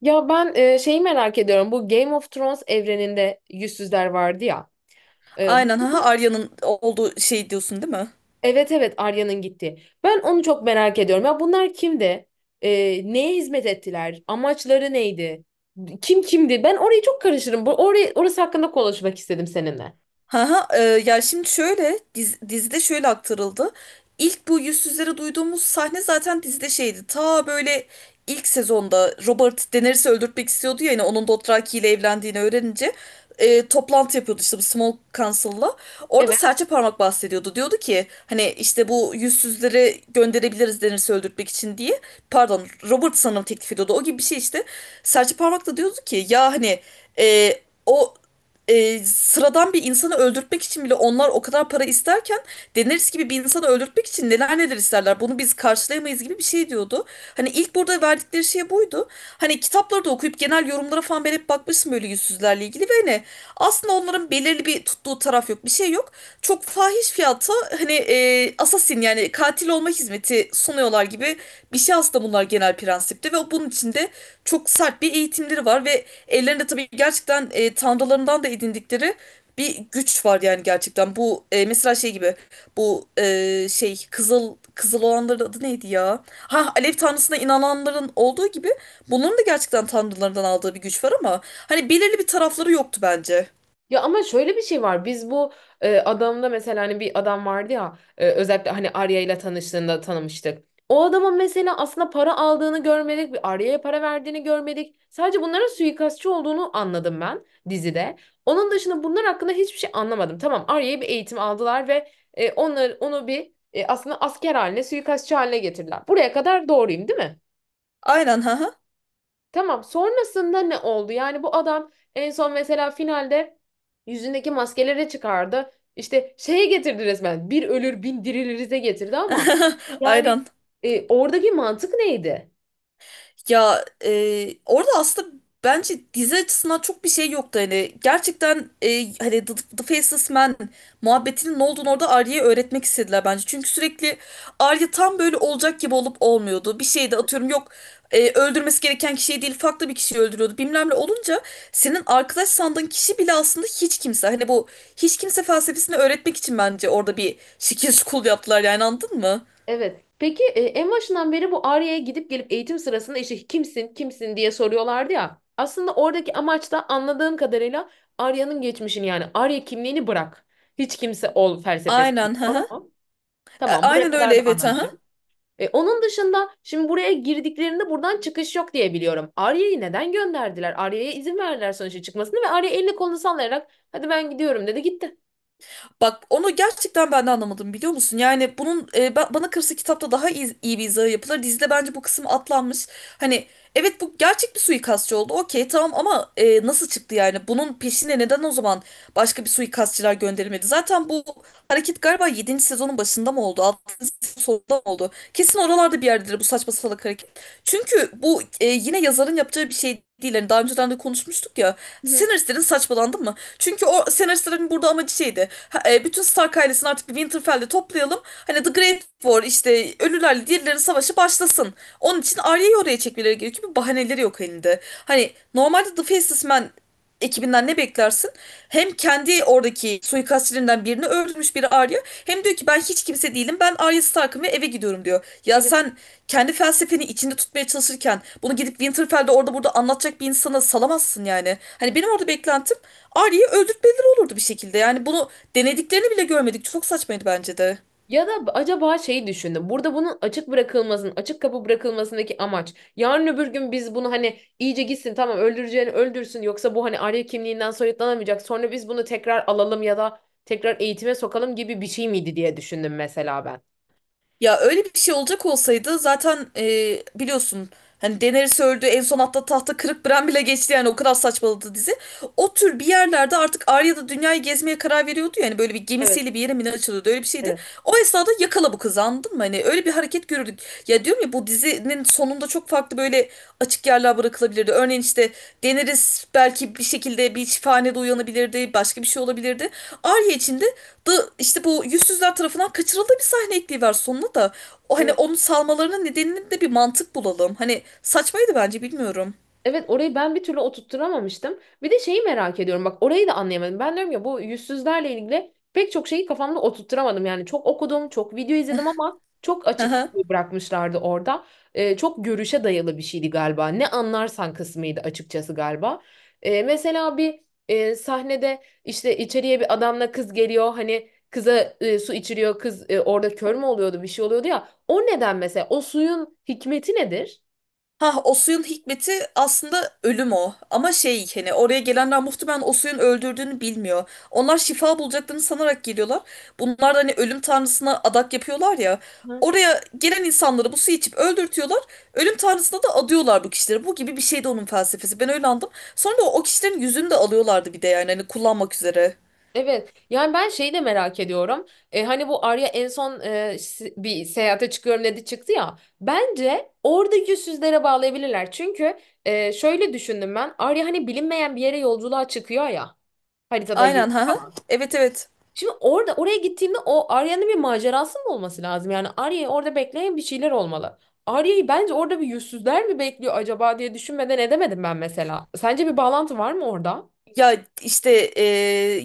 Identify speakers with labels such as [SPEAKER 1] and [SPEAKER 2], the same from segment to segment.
[SPEAKER 1] Şeyi merak ediyorum. Bu Game of Thrones evreninde yüzsüzler vardı ya. E,
[SPEAKER 2] Aynen ha,
[SPEAKER 1] bunlar,
[SPEAKER 2] Arya'nın olduğu şey diyorsun değil mi?
[SPEAKER 1] evet evet Arya'nın gitti. Ben onu çok merak ediyorum. Ya bunlar kimdi? E, neye hizmet ettiler? Amaçları neydi? Kim kimdi? Ben orayı çok karışırım. Orası hakkında konuşmak istedim seninle.
[SPEAKER 2] Ha ha, ya şimdi şöyle dizide şöyle aktarıldı. İlk bu yüzsüzleri duyduğumuz sahne zaten dizide şeydi. Ta böyle ilk sezonda Robert Daenerys'i öldürtmek istiyordu ya, yani onun Dothraki ile evlendiğini öğrenince toplantı yapıyordu işte bu Small Council'la. Orada
[SPEAKER 1] Evet.
[SPEAKER 2] serçe parmak bahsediyordu. Diyordu ki hani işte bu yüzsüzleri gönderebiliriz Daenerys'i öldürtmek için diye. Pardon, Robert sanırım teklif ediyordu. O gibi bir şey işte. Serçe parmak da diyordu ki ya hani e, o sıradan bir insanı öldürtmek için bile onlar o kadar para isterken Daenerys gibi bir insanı öldürtmek için neler neler isterler. Bunu biz karşılayamayız gibi bir şey diyordu. Hani ilk burada verdikleri şey buydu. Hani kitapları da okuyup genel yorumlara falan ben hep bakmıştım böyle yüzsüzlerle ilgili ve hani aslında onların belirli bir tuttuğu taraf yok. Bir şey yok. Çok fahiş fiyata hani assassin, yani katil olma hizmeti sunuyorlar gibi bir şey aslında bunlar genel prensipte, ve bunun içinde çok sert bir eğitimleri var ve ellerinde tabii gerçekten tanrılarından da edindikleri bir güç var yani gerçekten. Bu mesela şey gibi, bu şey kızıl kızıl olanların adı neydi ya? Ha, Alev tanrısına inananların olduğu gibi bunların da gerçekten tanrılarından aldığı bir güç var ama hani belirli bir tarafları yoktu bence.
[SPEAKER 1] Ya ama şöyle bir şey var. Adamda mesela hani bir adam vardı ya, özellikle hani Arya ile tanıştığında tanımıştık. O adamın mesela aslında para aldığını görmedik, bir Arya'ya para verdiğini görmedik. Sadece bunların suikastçı olduğunu anladım ben dizide. Onun dışında bunlar hakkında hiçbir şey anlamadım. Tamam, Arya'ya bir eğitim aldılar ve onu bir aslında asker haline, suikastçı haline getirdiler. Buraya kadar doğruyum, değil mi?
[SPEAKER 2] Aynen ha, ha.
[SPEAKER 1] Tamam. Sonrasında ne oldu? Yani bu adam en son mesela finalde yüzündeki maskeleri çıkardı. İşte şeye getirdi resmen. Bir ölür bin dirilirize getirdi ama yani
[SPEAKER 2] Aynen.
[SPEAKER 1] oradaki mantık neydi?
[SPEAKER 2] Ya orada aslında bence dizi açısından çok bir şey yoktu hani gerçekten hani The Faceless Man muhabbetinin ne olduğunu orada Arya'ya öğretmek istediler bence. Çünkü sürekli Arya tam böyle olacak gibi olup olmuyordu. Bir şeyde atıyorum yok öldürmesi gereken kişiyi değil farklı bir kişiyi öldürüyordu bilmem ne olunca senin arkadaş sandığın kişi bile aslında hiç kimse. Hani bu hiç kimse felsefesini öğretmek için bence orada bir şekil school yaptılar yani, anladın mı?
[SPEAKER 1] Evet. Peki, en başından beri bu Arya'ya gidip gelip eğitim sırasında işte kimsin kimsin diye soruyorlardı ya. Aslında oradaki amaç da anladığım kadarıyla Arya'nın geçmişini, yani Arya kimliğini bırak. Hiç kimse ol felsefesi.
[SPEAKER 2] Aynen
[SPEAKER 1] Doğru
[SPEAKER 2] ha.
[SPEAKER 1] mu? Tamam. Buraya
[SPEAKER 2] Aynen öyle,
[SPEAKER 1] kadar da
[SPEAKER 2] evet ha.
[SPEAKER 1] anlamışım. Onun dışında şimdi buraya girdiklerinde buradan çıkış yok diye biliyorum. Arya'yı neden gönderdiler? Arya'ya izin verdiler sonuçta çıkmasını ve Arya elini kolunu sallayarak hadi ben gidiyorum dedi gitti.
[SPEAKER 2] Bak, onu gerçekten ben de anlamadım biliyor musun? Yani bunun bana kalırsa kitapta daha iyi bir izahı yapılır. Dizide bence bu kısım atlanmış. Hani evet, bu gerçek bir suikastçı oldu. Okey, tamam ama nasıl çıktı yani? Bunun peşine neden o zaman başka bir suikastçılar gönderilmedi? Zaten bu hareket galiba 7. sezonun başında mı oldu? 6. sezonun sonunda mı oldu? Kesin oralarda bir yerdedir bu saçma salak hareket. Çünkü bu yine yazarın yapacağı bir şey değil. Hani daha önceden de konuşmuştuk ya.
[SPEAKER 1] Hı hı.
[SPEAKER 2] Senaristlerin saçmalandı mı? Çünkü o senaristlerin burada amacı şeydi. Ha, bütün Stark ailesini artık bir Winterfell'de toplayalım. Hani The Great War işte ölülerle diğerlerin savaşı başlasın. Onun için Arya'yı oraya çekmeleri gerekiyor. Bir bahaneleri yok elinde. Hani normalde The Faceless Man ekibinden ne beklersin? Hem kendi oradaki suikastçilerinden birini öldürmüş biri Arya. Hem diyor ki ben hiç kimse değilim. Ben Arya Stark'ım ve eve gidiyorum diyor. Ya
[SPEAKER 1] Evet.
[SPEAKER 2] sen kendi felsefeni içinde tutmaya çalışırken bunu gidip Winterfell'de orada burada anlatacak bir insana salamazsın yani. Hani benim orada beklentim Arya'yı öldürtmeleri olurdu bir şekilde. Yani bunu denediklerini bile görmedik. Çok saçmaydı bence de.
[SPEAKER 1] Ya da acaba şeyi düşündüm. Burada bunun açık bırakılmasının, açık kapı bırakılmasındaki amaç. Yarın öbür gün biz bunu hani iyice gitsin tamam öldüreceğini öldürsün, yoksa bu hani Arya kimliğinden soyutlanamayacak. Sonra biz bunu tekrar alalım ya da tekrar eğitime sokalım gibi bir şey miydi diye düşündüm mesela ben.
[SPEAKER 2] Ya öyle bir şey olacak olsaydı zaten biliyorsun hani Daenerys öldü en son, hatta tahta kırık Bran bile geçti yani, o kadar saçmaladı dizi. O tür bir yerlerde artık Arya da dünyayı gezmeye karar veriyordu yani, böyle bir
[SPEAKER 1] Evet.
[SPEAKER 2] gemisiyle bir yere mi ne açılıyordu, öyle bir şeydi.
[SPEAKER 1] Evet.
[SPEAKER 2] O esnada yakala bu kızı, anladın mı? Hani öyle bir hareket görürdük. Ya diyorum ya, bu dizinin sonunda çok farklı böyle açık yerler bırakılabilirdi. Örneğin işte Daenerys belki bir şekilde bir şifanede uyanabilirdi, başka bir şey olabilirdi. Arya için de da işte bu yüzsüzler tarafından kaçırıldığı bir sahne ekliyorlar sonuna da. O hani
[SPEAKER 1] Evet.
[SPEAKER 2] onun salmalarının nedenini de bir mantık bulalım. Hani saçmaydı bence, bilmiyorum.
[SPEAKER 1] Evet, orayı ben bir türlü oturtturamamıştım. Bir de şeyi merak ediyorum bak, orayı da anlayamadım. Ben diyorum ya, bu yüzsüzlerle ilgili pek çok şeyi kafamda oturtturamadım. Yani çok okudum, çok video izledim ama çok açık bırakmışlardı orada. Çok görüşe dayalı bir şeydi galiba. Ne anlarsan kısmıydı açıkçası galiba. Ee, mesela bir sahnede işte içeriye bir adamla kız geliyor. Hani kıza su içiriyor. Kız orada kör mü oluyordu, bir şey oluyordu ya. O neden, mesela o suyun hikmeti nedir?
[SPEAKER 2] Ha, o suyun hikmeti aslında ölüm o. Ama şey, hani oraya gelenler muhtemelen o suyun öldürdüğünü bilmiyor. Onlar şifa bulacaklarını sanarak geliyorlar. Bunlar da hani ölüm tanrısına adak yapıyorlar ya. Oraya gelen insanları bu suyu içip öldürtüyorlar. Ölüm tanrısına da adıyorlar bu kişileri. Bu gibi bir şey de onun felsefesi. Ben öyle anladım. Sonra da o kişilerin yüzünü de alıyorlardı bir de yani, hani kullanmak üzere.
[SPEAKER 1] Evet, yani ben şeyi de merak ediyorum. Hani bu Arya en son bir seyahate çıkıyorum dedi çıktı ya. Bence oradaki yüzsüzlere bağlayabilirler. Çünkü şöyle düşündüm ben. Arya hani bilinmeyen bir yere yolculuğa çıkıyor ya. Haritada yıl
[SPEAKER 2] Aynen ha. Ha.
[SPEAKER 1] falan.
[SPEAKER 2] Evet, evet.
[SPEAKER 1] Şimdi orada oraya gittiğimde o Arya'nın bir macerası mı olması lazım? Yani Arya'yı orada bekleyen bir şeyler olmalı. Arya'yı bence orada bir yüzsüzler mi bekliyor acaba diye düşünmeden edemedim ben mesela. Sence bir bağlantı var mı orada?
[SPEAKER 2] Ya işte e,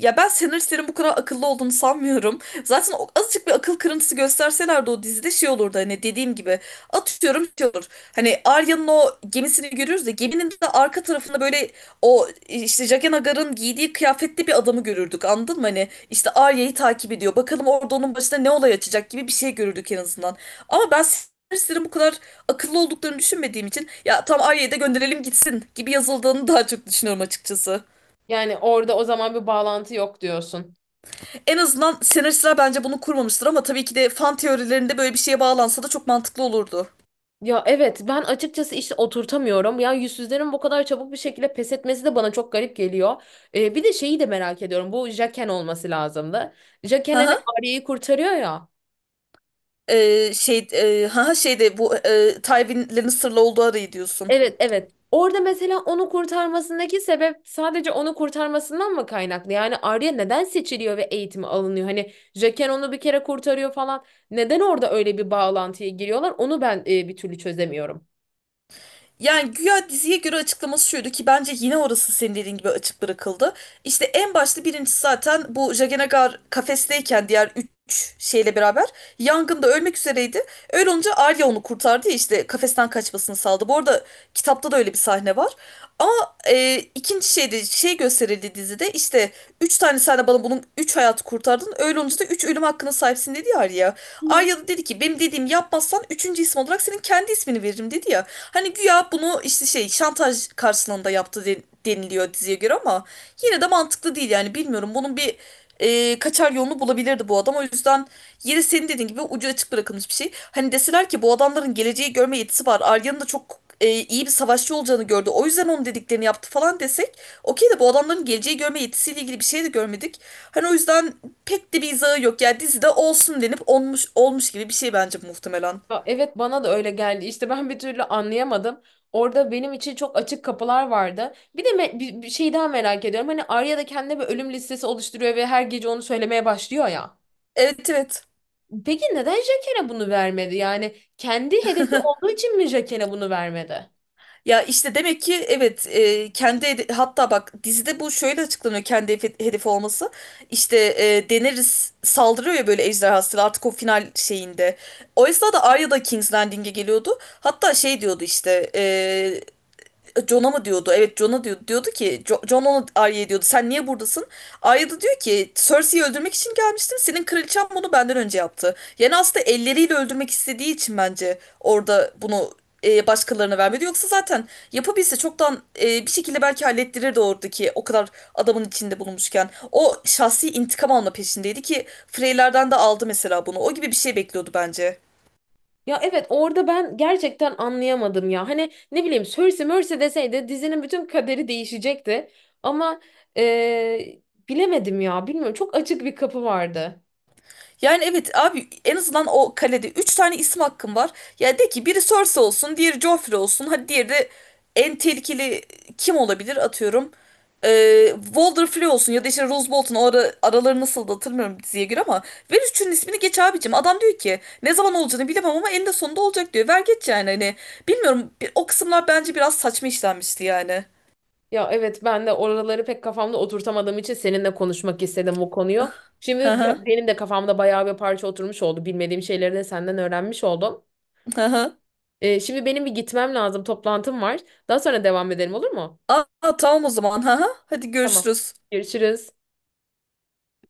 [SPEAKER 2] ya ben senaristlerin bu kadar akıllı olduğunu sanmıyorum. Zaten o, azıcık bir akıl kırıntısı gösterselerdi o dizide şey olurdu hani, dediğim gibi. Atıyorum şey olur. Hani Arya'nın o gemisini görürüz de geminin de arka tarafında böyle o işte Jaqen H'ghar'ın giydiği kıyafetli bir adamı görürdük, anladın mı? Hani işte Arya'yı takip ediyor. Bakalım orada onun başına ne olay açacak gibi bir şey görürdük en azından. Ama ben senaristlerin bu kadar akıllı olduklarını düşünmediğim için ya tam Arya'yı da gönderelim gitsin gibi yazıldığını daha çok düşünüyorum açıkçası.
[SPEAKER 1] Yani orada o zaman bir bağlantı yok diyorsun.
[SPEAKER 2] En azından senaristler bence bunu kurmamıştır ama tabii ki de fan teorilerinde böyle bir şeye bağlansa da çok mantıklı olurdu.
[SPEAKER 1] Ya evet, ben açıkçası işte oturtamıyorum. Ya yüzsüzlerin bu kadar çabuk bir şekilde pes etmesi de bana çok garip geliyor. Bir de şeyi de merak ediyorum. Bu Jaken olması lazımdı.
[SPEAKER 2] Hı
[SPEAKER 1] Jaken hani
[SPEAKER 2] hı.
[SPEAKER 1] Arya'yı kurtarıyor ya.
[SPEAKER 2] Hı hı, şeyde bu Tywin'lerin sırlı olduğu arayı diyorsun.
[SPEAKER 1] Evet, evet. Orada mesela onu kurtarmasındaki sebep sadece onu kurtarmasından mı kaynaklı? Yani Arya neden seçiliyor ve eğitimi alınıyor? Hani Jaqen onu bir kere kurtarıyor falan. Neden orada öyle bir bağlantıya giriyorlar? Onu ben bir türlü çözemiyorum.
[SPEAKER 2] Yani güya diziye göre açıklaması şuydu ki bence yine orası senin dediğin gibi açık bırakıldı. İşte en başta birincisi zaten bu Jaganagar kafesteyken diğer 3 şeyle beraber yangında ölmek üzereydi. Öyle olunca Arya onu kurtardı ya, işte kafesten kaçmasını sağladı. Bu arada kitapta da öyle bir sahne var. Ama ikinci şeyde şey gösterildi dizide, işte 3 tane sen de bana bunun 3 hayatı kurtardın. Öyle olunca da 3 ölüm hakkına sahipsin dedi ya Arya. Arya da dedi ki benim dediğimi yapmazsan 3. isim olarak senin kendi ismini veririm dedi ya. Hani güya bunu işte şey şantaj karşılığında yaptı deniliyor diziye göre ama yine de mantıklı değil yani, bilmiyorum. Bunun bir kaçar yolunu bulabilirdi bu adam. O yüzden yine senin dediğin gibi ucu açık bırakılmış bir şey. Hani deseler ki bu adamların geleceği görme yetisi var. Arya'nın da çok iyi bir savaşçı olacağını gördü. O yüzden onun dediklerini yaptı falan desek okey, de bu adamların geleceği görme yetisiyle ilgili bir şey de görmedik. Hani o yüzden pek de bir izahı yok. Ya dizide olsun denip olmuş olmuş gibi bir şey bence muhtemelen.
[SPEAKER 1] Ya evet, bana da öyle geldi. İşte ben bir türlü anlayamadım. Orada benim için çok açık kapılar vardı. Bir de bir şey daha merak ediyorum. Hani Arya da kendine bir ölüm listesi oluşturuyor ve her gece onu söylemeye başlıyor ya.
[SPEAKER 2] Evet, evet.
[SPEAKER 1] Peki neden Jaqen'e bunu vermedi? Yani kendi hedefi olduğu için mi Jaqen'e bunu vermedi?
[SPEAKER 2] Ya işte demek ki evet, hatta bak dizide bu şöyle açıklanıyor, kendi hedefi olması. İşte Daenerys saldırıyor ya böyle ejderhasıyla artık o final şeyinde. O esnada Arya da King's Landing'e geliyordu. Hatta şey diyordu işte John'a mı diyordu? Evet, John'a diyordu. Diyordu ki John ona, Arya'ya diyordu. Sen niye buradasın? Arya da diyor ki Cersei'yi öldürmek için gelmiştim. Senin kraliçen bunu benden önce yaptı. Yani aslında elleriyle öldürmek istediği için bence orada bunu başkalarına vermedi. Yoksa zaten yapabilse çoktan bir şekilde belki hallettirirdi oradaki o kadar adamın içinde bulunmuşken. O şahsi intikam alma peşindeydi ki Freyler'den de aldı mesela bunu. O gibi bir şey bekliyordu bence.
[SPEAKER 1] Ya evet, orada ben gerçekten anlayamadım ya. Hani ne bileyim, Cersei Mercy deseydi dizinin bütün kaderi değişecekti. Ama eee, bilemedim ya. Bilmiyorum, çok açık bir kapı vardı.
[SPEAKER 2] Yani evet abi, en azından o kalede 3 tane isim hakkım var. Ya de ki biri Cersei olsun, diğeri Joffrey olsun. Hadi diğeri de en tehlikeli kim olabilir atıyorum. Walder olsun ya da işte Rose Bolton o araları nasıl da hatırlamıyorum diziye göre ama ver 3'ünün ismini geç abicim. Adam diyor ki ne zaman olacağını bilemem ama eninde sonunda olacak diyor. Ver geç yani, hani. Bilmiyorum, o kısımlar bence biraz saçma işlenmişti yani.
[SPEAKER 1] Ya evet, ben de oraları pek kafamda oturtamadığım için seninle konuşmak istedim bu konuyu.
[SPEAKER 2] Hı
[SPEAKER 1] Şimdi
[SPEAKER 2] hı.
[SPEAKER 1] benim de kafamda bayağı bir parça oturmuş oldu. Bilmediğim şeyleri de senden öğrenmiş oldum.
[SPEAKER 2] Hı hı.
[SPEAKER 1] Şimdi benim bir gitmem lazım. Toplantım var. Daha sonra devam edelim olur mu?
[SPEAKER 2] Aa tamam o zaman. Hı hı. Hadi
[SPEAKER 1] Tamam.
[SPEAKER 2] görüşürüz.
[SPEAKER 1] Görüşürüz.